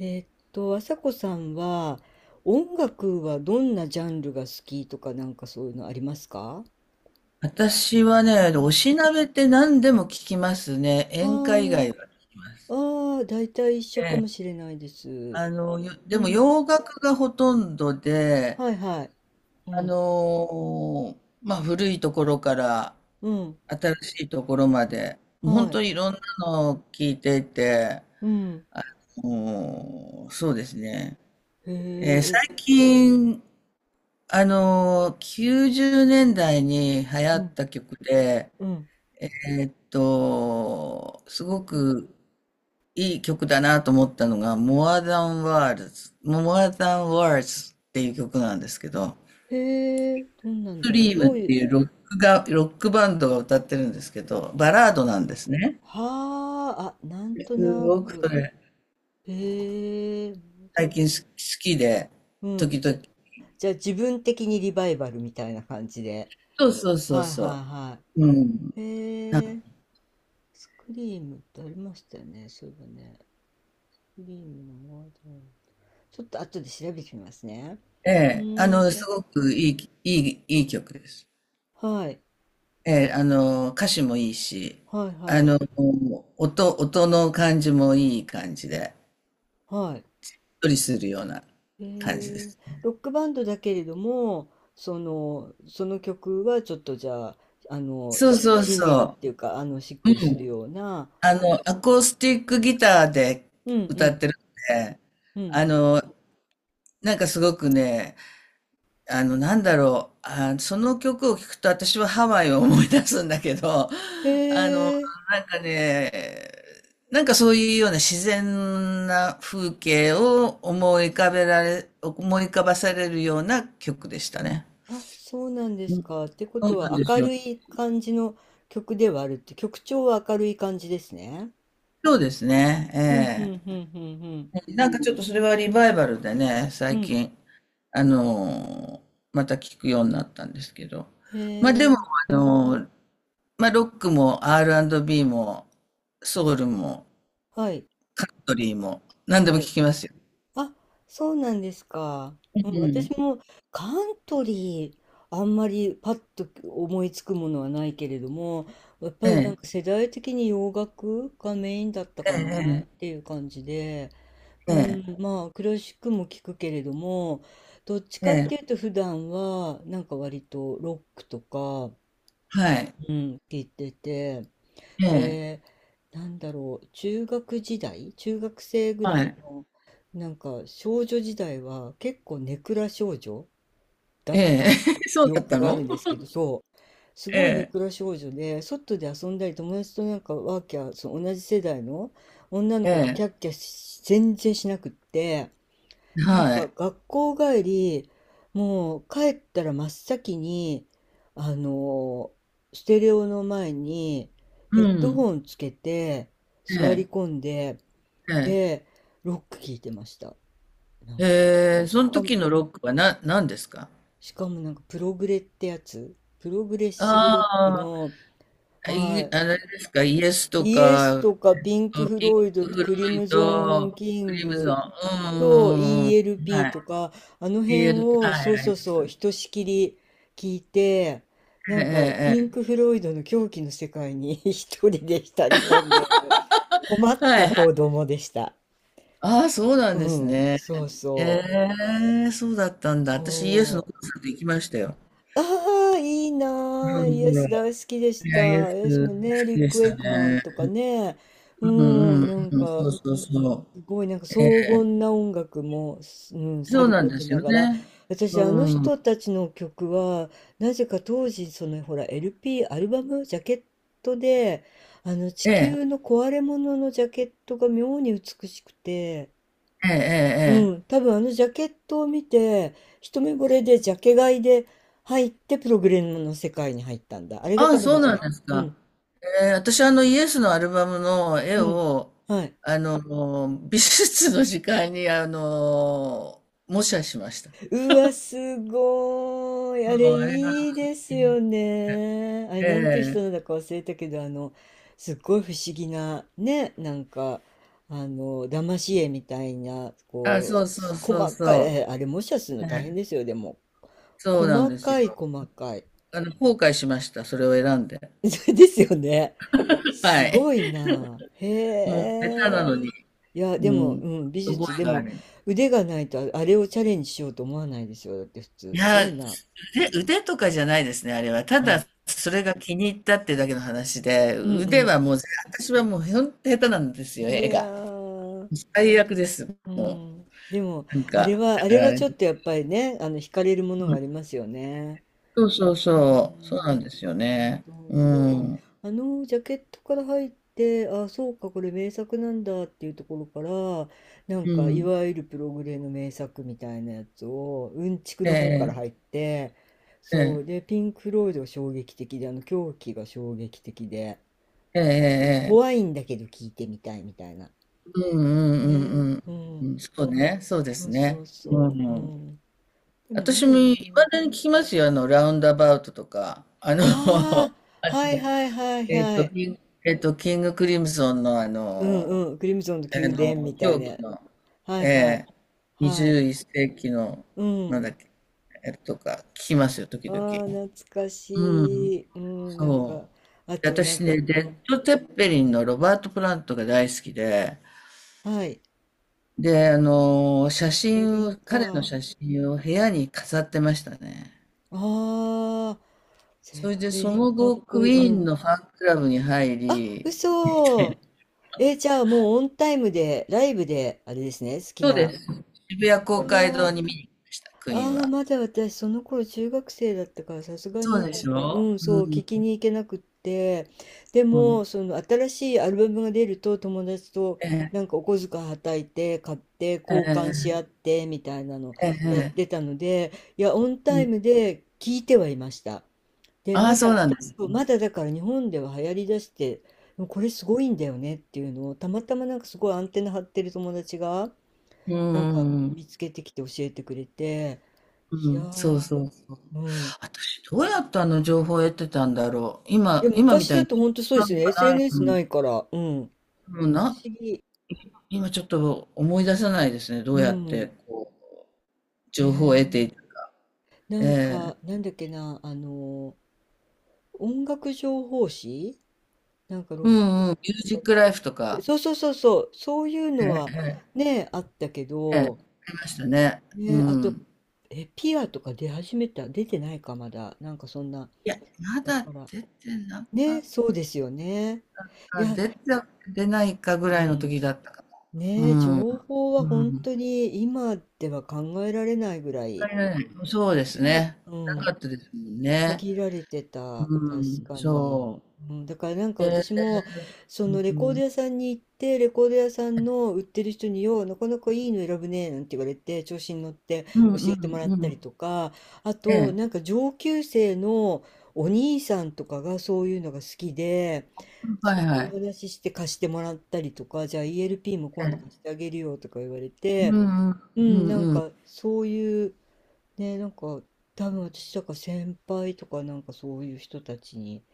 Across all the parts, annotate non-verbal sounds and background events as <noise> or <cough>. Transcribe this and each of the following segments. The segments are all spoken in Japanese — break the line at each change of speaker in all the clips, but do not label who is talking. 朝子さんは音楽はどんなジャンルが好きとかなんかそういうのありますか？
私は
う
ね、お
ん。
しなべって何でも聞きますね。
あ
演歌以外
ー。
は聞きま
あ
す。
大体一緒か
で、
もしれないです。
で
う
も
ん。
洋楽がほとんどで、
はいはい。うん。
まあ古いところから
うん。
新しいところまで、本
はい。
当にいろんなのを聞いていて、
うん。
もう、そうですね。
へえ、え、
最近、あのー90年代に流行
う
っ
ん。
た曲で、
うん。
えすごくいい曲だなと思ったのが、More Than Words、More Than Words っていう曲なんですけど、
へえ、どんなん
スト
だろう。
リームっ
どうい
て
う、
いうロックバンドが歌ってるんですけど、バラードなんですね。
はあ、あ、なんと
す
な
ごくそ
く。
れ、
へえ、
最近好きで、
う
時
ん。じゃ、
々。
じゃあ自分的にリバイバルみたいな感じで。
そうそうそう
はい
そ
はい
う。
は
うん。
い。
な
えー、スクリームってありましたよね、そういえばね。スクリームのワードローブちょっと後で調べてみますね。う
え
ーん、
す
え、
ごくいい、いい、いい曲です。
はい、
ええ、歌詞もいいし、
はい
あ
はい、
の、音の感じもいい感じで。
はい。
っとりするような
え
感じで
ー、
す。
ロックバンドだけれども、その曲はちょっとじゃあ、
そうそう
しんみりっ
そ
ていうか、あの、しっ
う。う
くりする
ん。
ような、
アコースティックギターで
うんう
歌っ
ん、
てるんで、
うん。
あの、なんかすごくね、なんだろう、あ、その曲を聴くと私はハワイを思い出すんだけど、
へ
あの、
え。
なんかね、なんかそういうような自然な風景を思い浮かばされるような曲でしたね。
あ、そうなんで
う
す
ん、
か。ってこ
そ
と
うなん
は
です
明
よ。
るい感じの曲ではあるって、曲調は明るい感じですね。
そうですね。
うん、う
え
ん、う
え、
ん、うん、
なんかちょっとそれはリバイバルでね、
う
最
ん。うん。
近、あのーまた聞くようになったんですけど。
へ
まあで
え、
も、あのーまあロックも R&B もソウルも
はい、
カントリーも何でも
は
聞
い。
きますよ。
あ、そうなんですか。
う
うん、私
ん。
もカントリー、あんまりパッと思いつくものはないけれども、やっぱ
え
りなん
え、
か世代的に洋楽がメインだった
え
かなっ
え、
ていう感じで、う
え
ん、
え、
まあクラシックも聞くけれども、どっち
え
かっ
え、
て
え
いう
え、
と普段はなんか割とロックとか、
はい、
うん、聞いてて、
ええ、
で、なんだろう、中学生ぐ
は
らい
い、
の、なんか少女時代は結構ネクラ少女だ
え
っ
え、
た
<laughs> そ
記
うだっ
憶
た
があるん
の。
ですけど、そう、す
え
ごいネ
え、
クラ少女で、外で遊んだり友達となんかワーキャー、その同じ世代の女の子とキ
え
ャッキャし全然しなくって、
え、
なん
は
か
い、
学校帰り、もう帰ったら真っ先に、あのステレオの前にヘ
う
ッド
ん、
ホンつけて
え
座り
え、
込んで、
ええ、
で、ロック聞いてました。なんか。
ええ、
で、し
その
かも、
時のロックは何ですか？
しかもなんかプログレってやつ、プログレッシブロック
あ
の、
い、
は
あれ
い、
ですか、イエスと
イエス
か、
とかピンク・フ
ピ
ロイド
ンク・
と
フロ
クリ
イ
ムゾン・
ド、
キ
ク
ン
リムゾン、
グ、
うんう
そう、
んうんうん、
ELP
はい、
とか、あの
p
辺
l ル、
を、
は
そう
い、あり
そ
ま
う
した
そう、
ね。
ひとしきり聞いて、な
え
んか、
え、
ピンク・
え
フロイドの狂気の世界に <laughs> 一人で浸り込んでいる、困っ
え、は
た
い、はい。
子供でした。
ああ、そうなん
う
です
ん、
ね。
そう
え
そう。
え、そうだったんだ。私、イエスの
そ
コンサート行きましたよ。
う。ああ、いいなあ。
うんう
イ
ん。
エス大
い
好きでし
や、イエ
た。
ス
イ
好
エスもね、リ
き
ッ
で
ク・
し
ウェ
た
イクマン
ね。
とかね。う
うんう
ん、
ん
なん
うん、そ
か、
うそうそう。
すごいなんか
ええ、
荘厳な音楽も、うん、さ
そう
る
なん
こ
で
と
す
な
よ
がら
ね。
私あの
うん。
人たちの曲はなぜか当時そのほら LP アルバムジャケットで、あの
え
地
え、
球の壊れ物のジャケットが妙に美しくて、
ええ、ええ。え
うん、
え、
多分あのジャケットを見て一目惚れでジャケ買いで入って、プログレムの世界に入ったんだ。あれ
あ
が多
あ、
分
そう
初
なん
め。
です
う
か。
ん。
私はあのイエスのアルバムの絵
うん。
を、
はい。
美術の時間に、模写しました。
うわ、すごい。あれ、
もうあれが、
いいですよね。あれ、なんていう人な
え
ん
え、
だか忘れたけど、あの、すっごい不思議な、ね、なんか、あの、騙し絵みたいな、
あ、
こ
そう
う、
そうそう
細かい、
そ
えあ
う。
れ、模写するの
え
大変
え、
ですよ、でも。
そうなん
細
です
かい、
よ。
細かい。
後悔しました。それを選んで。
<laughs> ですよね。
<laughs> は
すごい
い。
な。
も
へ
う、下手なの
え。
に。
いや、で
う
も、
ん。
うん、美
覚
術、
え
で
があ
も、
る。
腕がないと、あれをチャレンジしようと思わないですよ。だって、普通、
い
す
や、
ごいな。
腕とかじゃないですね、あれは。た
うん。
だ、それが気に入ったっていうだけの話で、
うんう
腕は
ん。
もう、私はもう、ほんと下手なんですよ、
い
絵が。
やー、
最悪です。
う
も
ん、でも
う、なん
あ
か、だ
れはあ
か
れ
らあ
はち
れ、
ょっとやっぱりね、あの惹かれるものが
う
あ
ん、
りますよね。
そうそう
う
そう、そうなんで
ん。
すよ
ほん
ね。
とほん
う
と。で、
ん、
あのジャケットから入って、あ、そうか、これ名作なんだっていうところから、なん
う
かい
ん、
わゆるプログレの名作みたいなやつをうんちく
え
の方から
え、
入って、
え
そ
え、
うでピンク・フロイドが衝撃的で、あの狂気が衝撃的で、
ええ、
うん、
ええ、
怖いんだけど聞いてみたいみたいな。
うんう
ね、
んうん
う
うん、
ん。
うん、そうね、そうで
そ
す
うそ
ね。
う
う
そう。う
ん。
ん。でも
私も、
ね、
いまだに聞きますよ、ラウンドアバウトとか、
あ
<laughs> あ
あ、
の
はいはいはい
えっ
は
と、
い。
キンキングクリムゾンの
うんうん。クリムゾンの宮殿みたい
狂気
な。
の、
はい
え
はい。
え、
はい。
21世紀の、
う
なん
ん。
だっけえとか聞きますよ、時々。
ああ、懐か
うん。
しい。うん、なん
そ
か、あ
う。で
となん
私
か、
ね、レ
う
ッ
ん。
ド・テッペリンのロバート・プラントが大好きで、
はい。
で、
ゼ
写
ッペリ
真
ン
を、彼の
か。
写真を部屋に飾ってましたね。
ああ、ゼ
そ
ッ
れで、
ペ
そ
リン
の
かっ
後、
こい
ク
い。う
イーン
ん。
のファンクラブに入
あ、
り、<laughs> みたいな。
嘘。えー、じゃあもうオンタイムで、ライブで、あれですね、好き
そうで
な。
す。渋谷公
う
会
わ。
堂に見に行きました、クイーン
ああ、
は。
まだ私、その頃中学生だったから、さすが
そ
に
うで
なん
し
か、
ょ
うん、
う、
そう、聞
ん。
きに行けなくって、で
う
も、
ん。
その新しいアルバムが出ると、友達と
ええ、
なんかお小遣いはたいて、買って、
え
交換し
え、
合って、みたいなの
ええ、
やっ
え
て
え、
たので、いや、オン
う
タイム
ん、
で聞いてはいました。で、
あ
ま
あ、そう
だ、
なんです。
そう、まだだから日本では流行りだして、でもこれすごいんだよねっていうのを、たまたまなんかすごいアンテナ張ってる友達が、
うん、
なんか、う
う
ん、
ん、
見つけてきて教えてくれて、
うん
いや
うん、そう
ー、
そう。
うん。
私、どうやってあの情報を得てたんだろう。
いや、
今み
昔
たい
だと
に、
本当そうで
な
す
ん
よね。
かない
SNS
の
な
に。
いから。うん。
もう
不
な、
思議。
今ちょっと思い出せないですね。ど
う
うやって、
ん。
こう、情報を得て
ね
いた。
え。なん
ええ、
か、なんだっけな、あの音楽情報誌、なんか
う
ロ
んうん。ミュージックライフと
ック、
か。
そうそうそうそう、そういうのは
ええ、え
ね、あったけ
え、ええ、
ど、
出ましたね。う
ね、あと、
ん。
え、ピアとか出始めた、出てないか、まだ。なんかそんな。
いや、ま
だ
だ
から、
出てなか
ね、
っ
そうですよね。い
た。
や、
出て出ないかぐ
う
らいの
ん。
時だったかな。
ねえ、情報
う
は本
ん。
当に今では考えられないぐらい、
入らない、そうです
ね、
ね。
う
な
ん、
かったですもんね。
限られてた、
う
確
ん、
かに。
そう。
うん、だからなんか
ええ、
私も、そ
う
のレコード
ん
屋さんに行って、レコード屋さんの売ってる人に、よう、なかなかいいの選ぶね、なんて言われて、調子に乗って
うん
教
う
えても
ん
らっ
う
た
ん。
りとか、あ
え
と、
え。
なんか上級生のお兄さんとかがそういうのが好きで、そ
はい
れ
は
でお
い。
話しして貸してもらったりとか、じゃあ ELP も
え
今度
え。
貸してあげるよとか言われ
う
て、
んうん
う
う
ん、なん
んうん。
かそういう、ね、なんか多分私とか先輩とかなんかそういう人たちに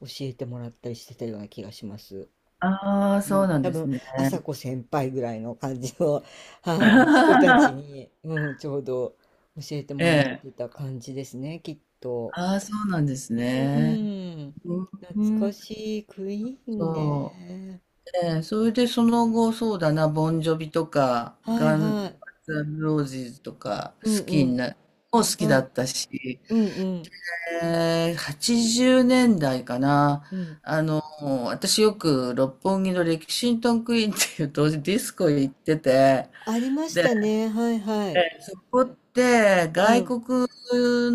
教えてもらったりしてたような気がします。
ああ、
う
そう
ん、
なん
多
です
分
ね。
朝子先輩ぐらいの感じの、はい、人たち
<laughs>
に、うん、ちょうど教えて
え
もらっ
え。
てた感じですね、きっと。
ああ、そうなんです
う
ね。
ーん、
うん、う
懐か
ん、
しいクイーン
そ
ね。
う。ええ、それでその後、そうだな、ボンジョビとか、
はい
ガン
は
ガン
い。
ズ・ロージーズとか、好
うん
き
う
に
ん。
な、も好き
は
だ
い。
ったし、
うんうん。
80年代かな。
うん。
あの、私よく六本木のレキシントンクイーンっていう当時ディスコ行ってて、
ありまし
で、
たね。はいはい。
そこって
う
外
ん。
国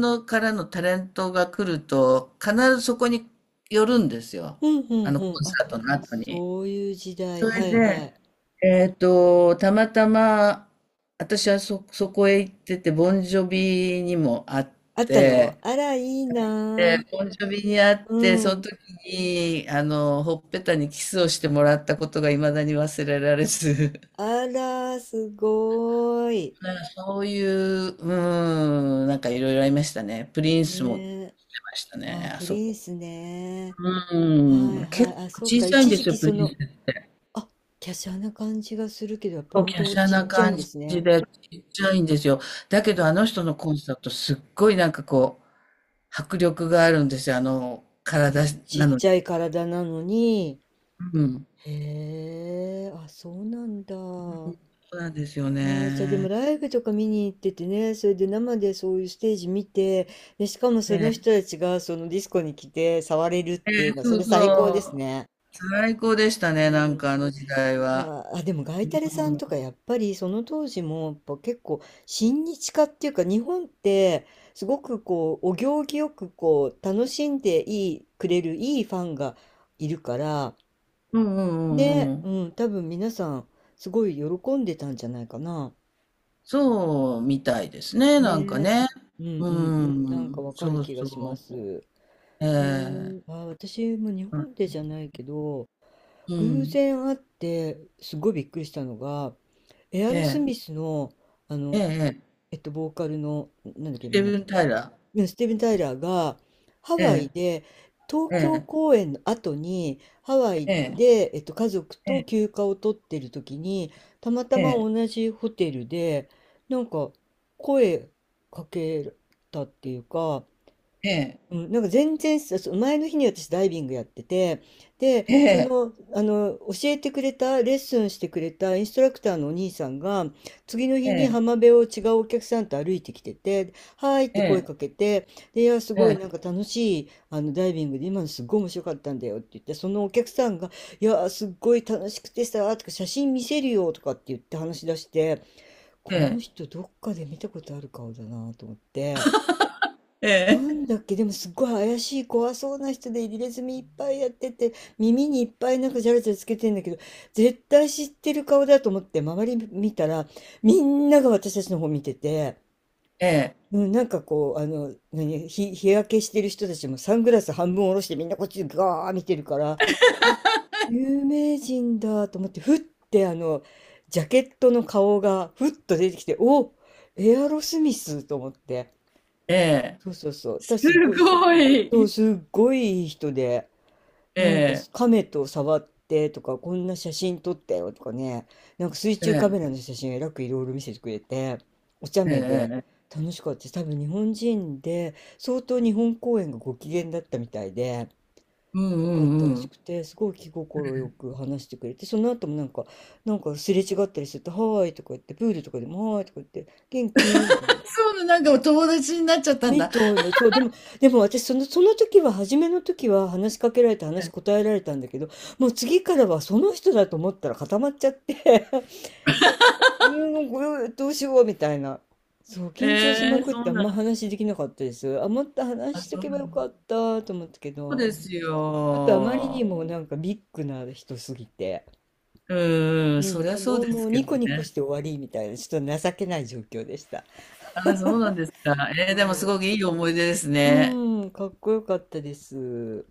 からのタレントが来ると必ずそこに寄るんですよ。
うんう
あ
ん
のコ
うん。
ン
あ、
サートの後に。
そういう時代。
それ
はいは
で、
い。
たまたま私はそこへ行ってて、ボンジョビにも会っ
あったの。
て、
あら、いいな
で、
あ。
ボンジョビに会っ
う
て、その
ん。
時に、ほっぺたにキスをしてもらったことが未だに忘れられず、
あら、すごーい。
なんかそういう、なんかいろいろありましたね。プリンスも売って
ねえ。
ました
あ、
ね、あ
プ
そ
リ
こ。
ンスね。
う
はいは
結構
い。あ、そっ
小
か。
さいん
一
で
時
すよ、
期
プ
そ
リン
の、
ス。結
あ、華奢な感じがするけど、やっぱ
構
本
華
当
奢
ちっ
な
ちゃいん
感
です
じ
ね。
で、ちっちゃいんですよ。だけ
う
どあの
ん。
人のコンサート、すっごいなんかこう、迫力があるんですよ、
そ
体
のち
な
っ
の
ちゃ
に。
い体なのに、
うん、
へえ、あ、そうなんだ。あ
そうなんですよ
ー、じゃあでも
ね。
ライブとか見に行っててね、それで生でそういうステージ見て、で、しかもその
ね
人たちがそのディスコに来て触れるっ
え、え
ていうのは、
そ
それ
う
最高
そ
です
う。
ね。
最高でした
う
ね、なん
ん。
かあの時代
い
は。
や、あ、でもガイタレさん
うん。
とかやっぱりその当時もやっぱ結構親日家っていうか、日本ってすごくこうお行儀よくこう楽しんでいいくれるいいファンがいるから、
うんうんうんう
ね、
ん。
うん、多分皆さん、すごい喜んでたんじゃないかな。
そうみたいですね、なんか
ね。
ね。
うんうんう
う
ん、なんか
ん、
わかる
そう
気がしま
そ
す。
う。え
へえ、
え、
あ、私も日本でじゃないけど、
う
偶
ん。
然会って、すごいびっくりしたのが、エア
え
ロス
え、
ミスの、あ
え
の、
え、ええ、
ボーカルの、なんだっけ、
スティーブン・タイラー。
ね、スティーブン・タイラーがハ
え
ワイ
え、
で東
え
京
え、
公演の後にハワイ
ええ、
で、家族と
え
休暇を取ってる時にたまたま
え、
同じホテルでなんか声かけたっていうか。
ええ、
うん、なんか全然さ、そう前の日に私ダイビングやってて、で、
ええ、
教えてくれた、レッスンしてくれたインストラクターのお兄さんが、次の
え
日に
え、
浜辺を違うお客さんと歩いてきてて、はーいって
え
声
え、
かけて、で、いや、す
え
ごい
え、
なんか楽しい、ダイビングで今のすっごい面白かったんだよって言って、そのお客さんが、いや、すっごい楽しくてさ、とか写真見せるよとかって言って話し出して、
え
この
え、
人どっかで見たことある顔だなと思って、
え
な
え、
んだっけ、でもすっごい怪しい怖そうな人で入れ墨いっぱいやってて、耳にいっぱいなんかジャラジャラつけてんだけど、絶対知ってる顔だと思って周り見たら、みんなが私たちの方見てて、
ええ、
うん、日焼けしてる人たちもサングラス半分下ろしてみんなこっちガー見てるから、あ、有名人だと思って、ふってジャケットの顔がふっと出てきて、お、エアロスミスと思って。
ええ、
そうそうそう。だから
す
すごい、
ご
そう、
い。
すっごいいい人で、
え
なんか
え、
亀と触ってとか、こんな写真撮ったよとかね、なんか水
え
中カメラ
え、
の写真えらくいろいろ見せてくれて、お茶
ええ、
目で
ええ。
楽しかったです。多分日本人で、相当日本公演がご機嫌だったみたいで、
うんうん
よかった
う
らし
ん。
くて、すごい気心よく話してくれて、その後もなんか、なんかすれ違ったりすると、はーいとか言って、プールとかでもはーいとか言って、元気みたいな。
なんかお友達になっちゃったん
み
だ。
たいな、そう、でも私その時は初めの時は話しかけられて話し答えられたんだけど、もう次からはその人だと思ったら固まっちゃって、<laughs> もうこれどうしようみたいな。そう、
え
緊張しま
えー、
くっ
そ
て
う
あん
なん
ま
だ。
話できなかったです。あ、もっと話
あ、
しと
そう
けば
な
よ
んだ。
かったと思ったけ
そう
ど、う
で
ん、
す
ちょっとあまり
よ。
にもなんかビッグな人すぎて、
う
う
ん、そ
ん、
りゃ
あ
そう
どう
で
も
すけ
ニ
ど
コニコし
ね。
て終わりみたいな、ちょっと情けない状況でした。
あ、そうなんですか。え
そ
え、でもす
う、
ごくいい思い出ですね。
うん、かっこよかったです。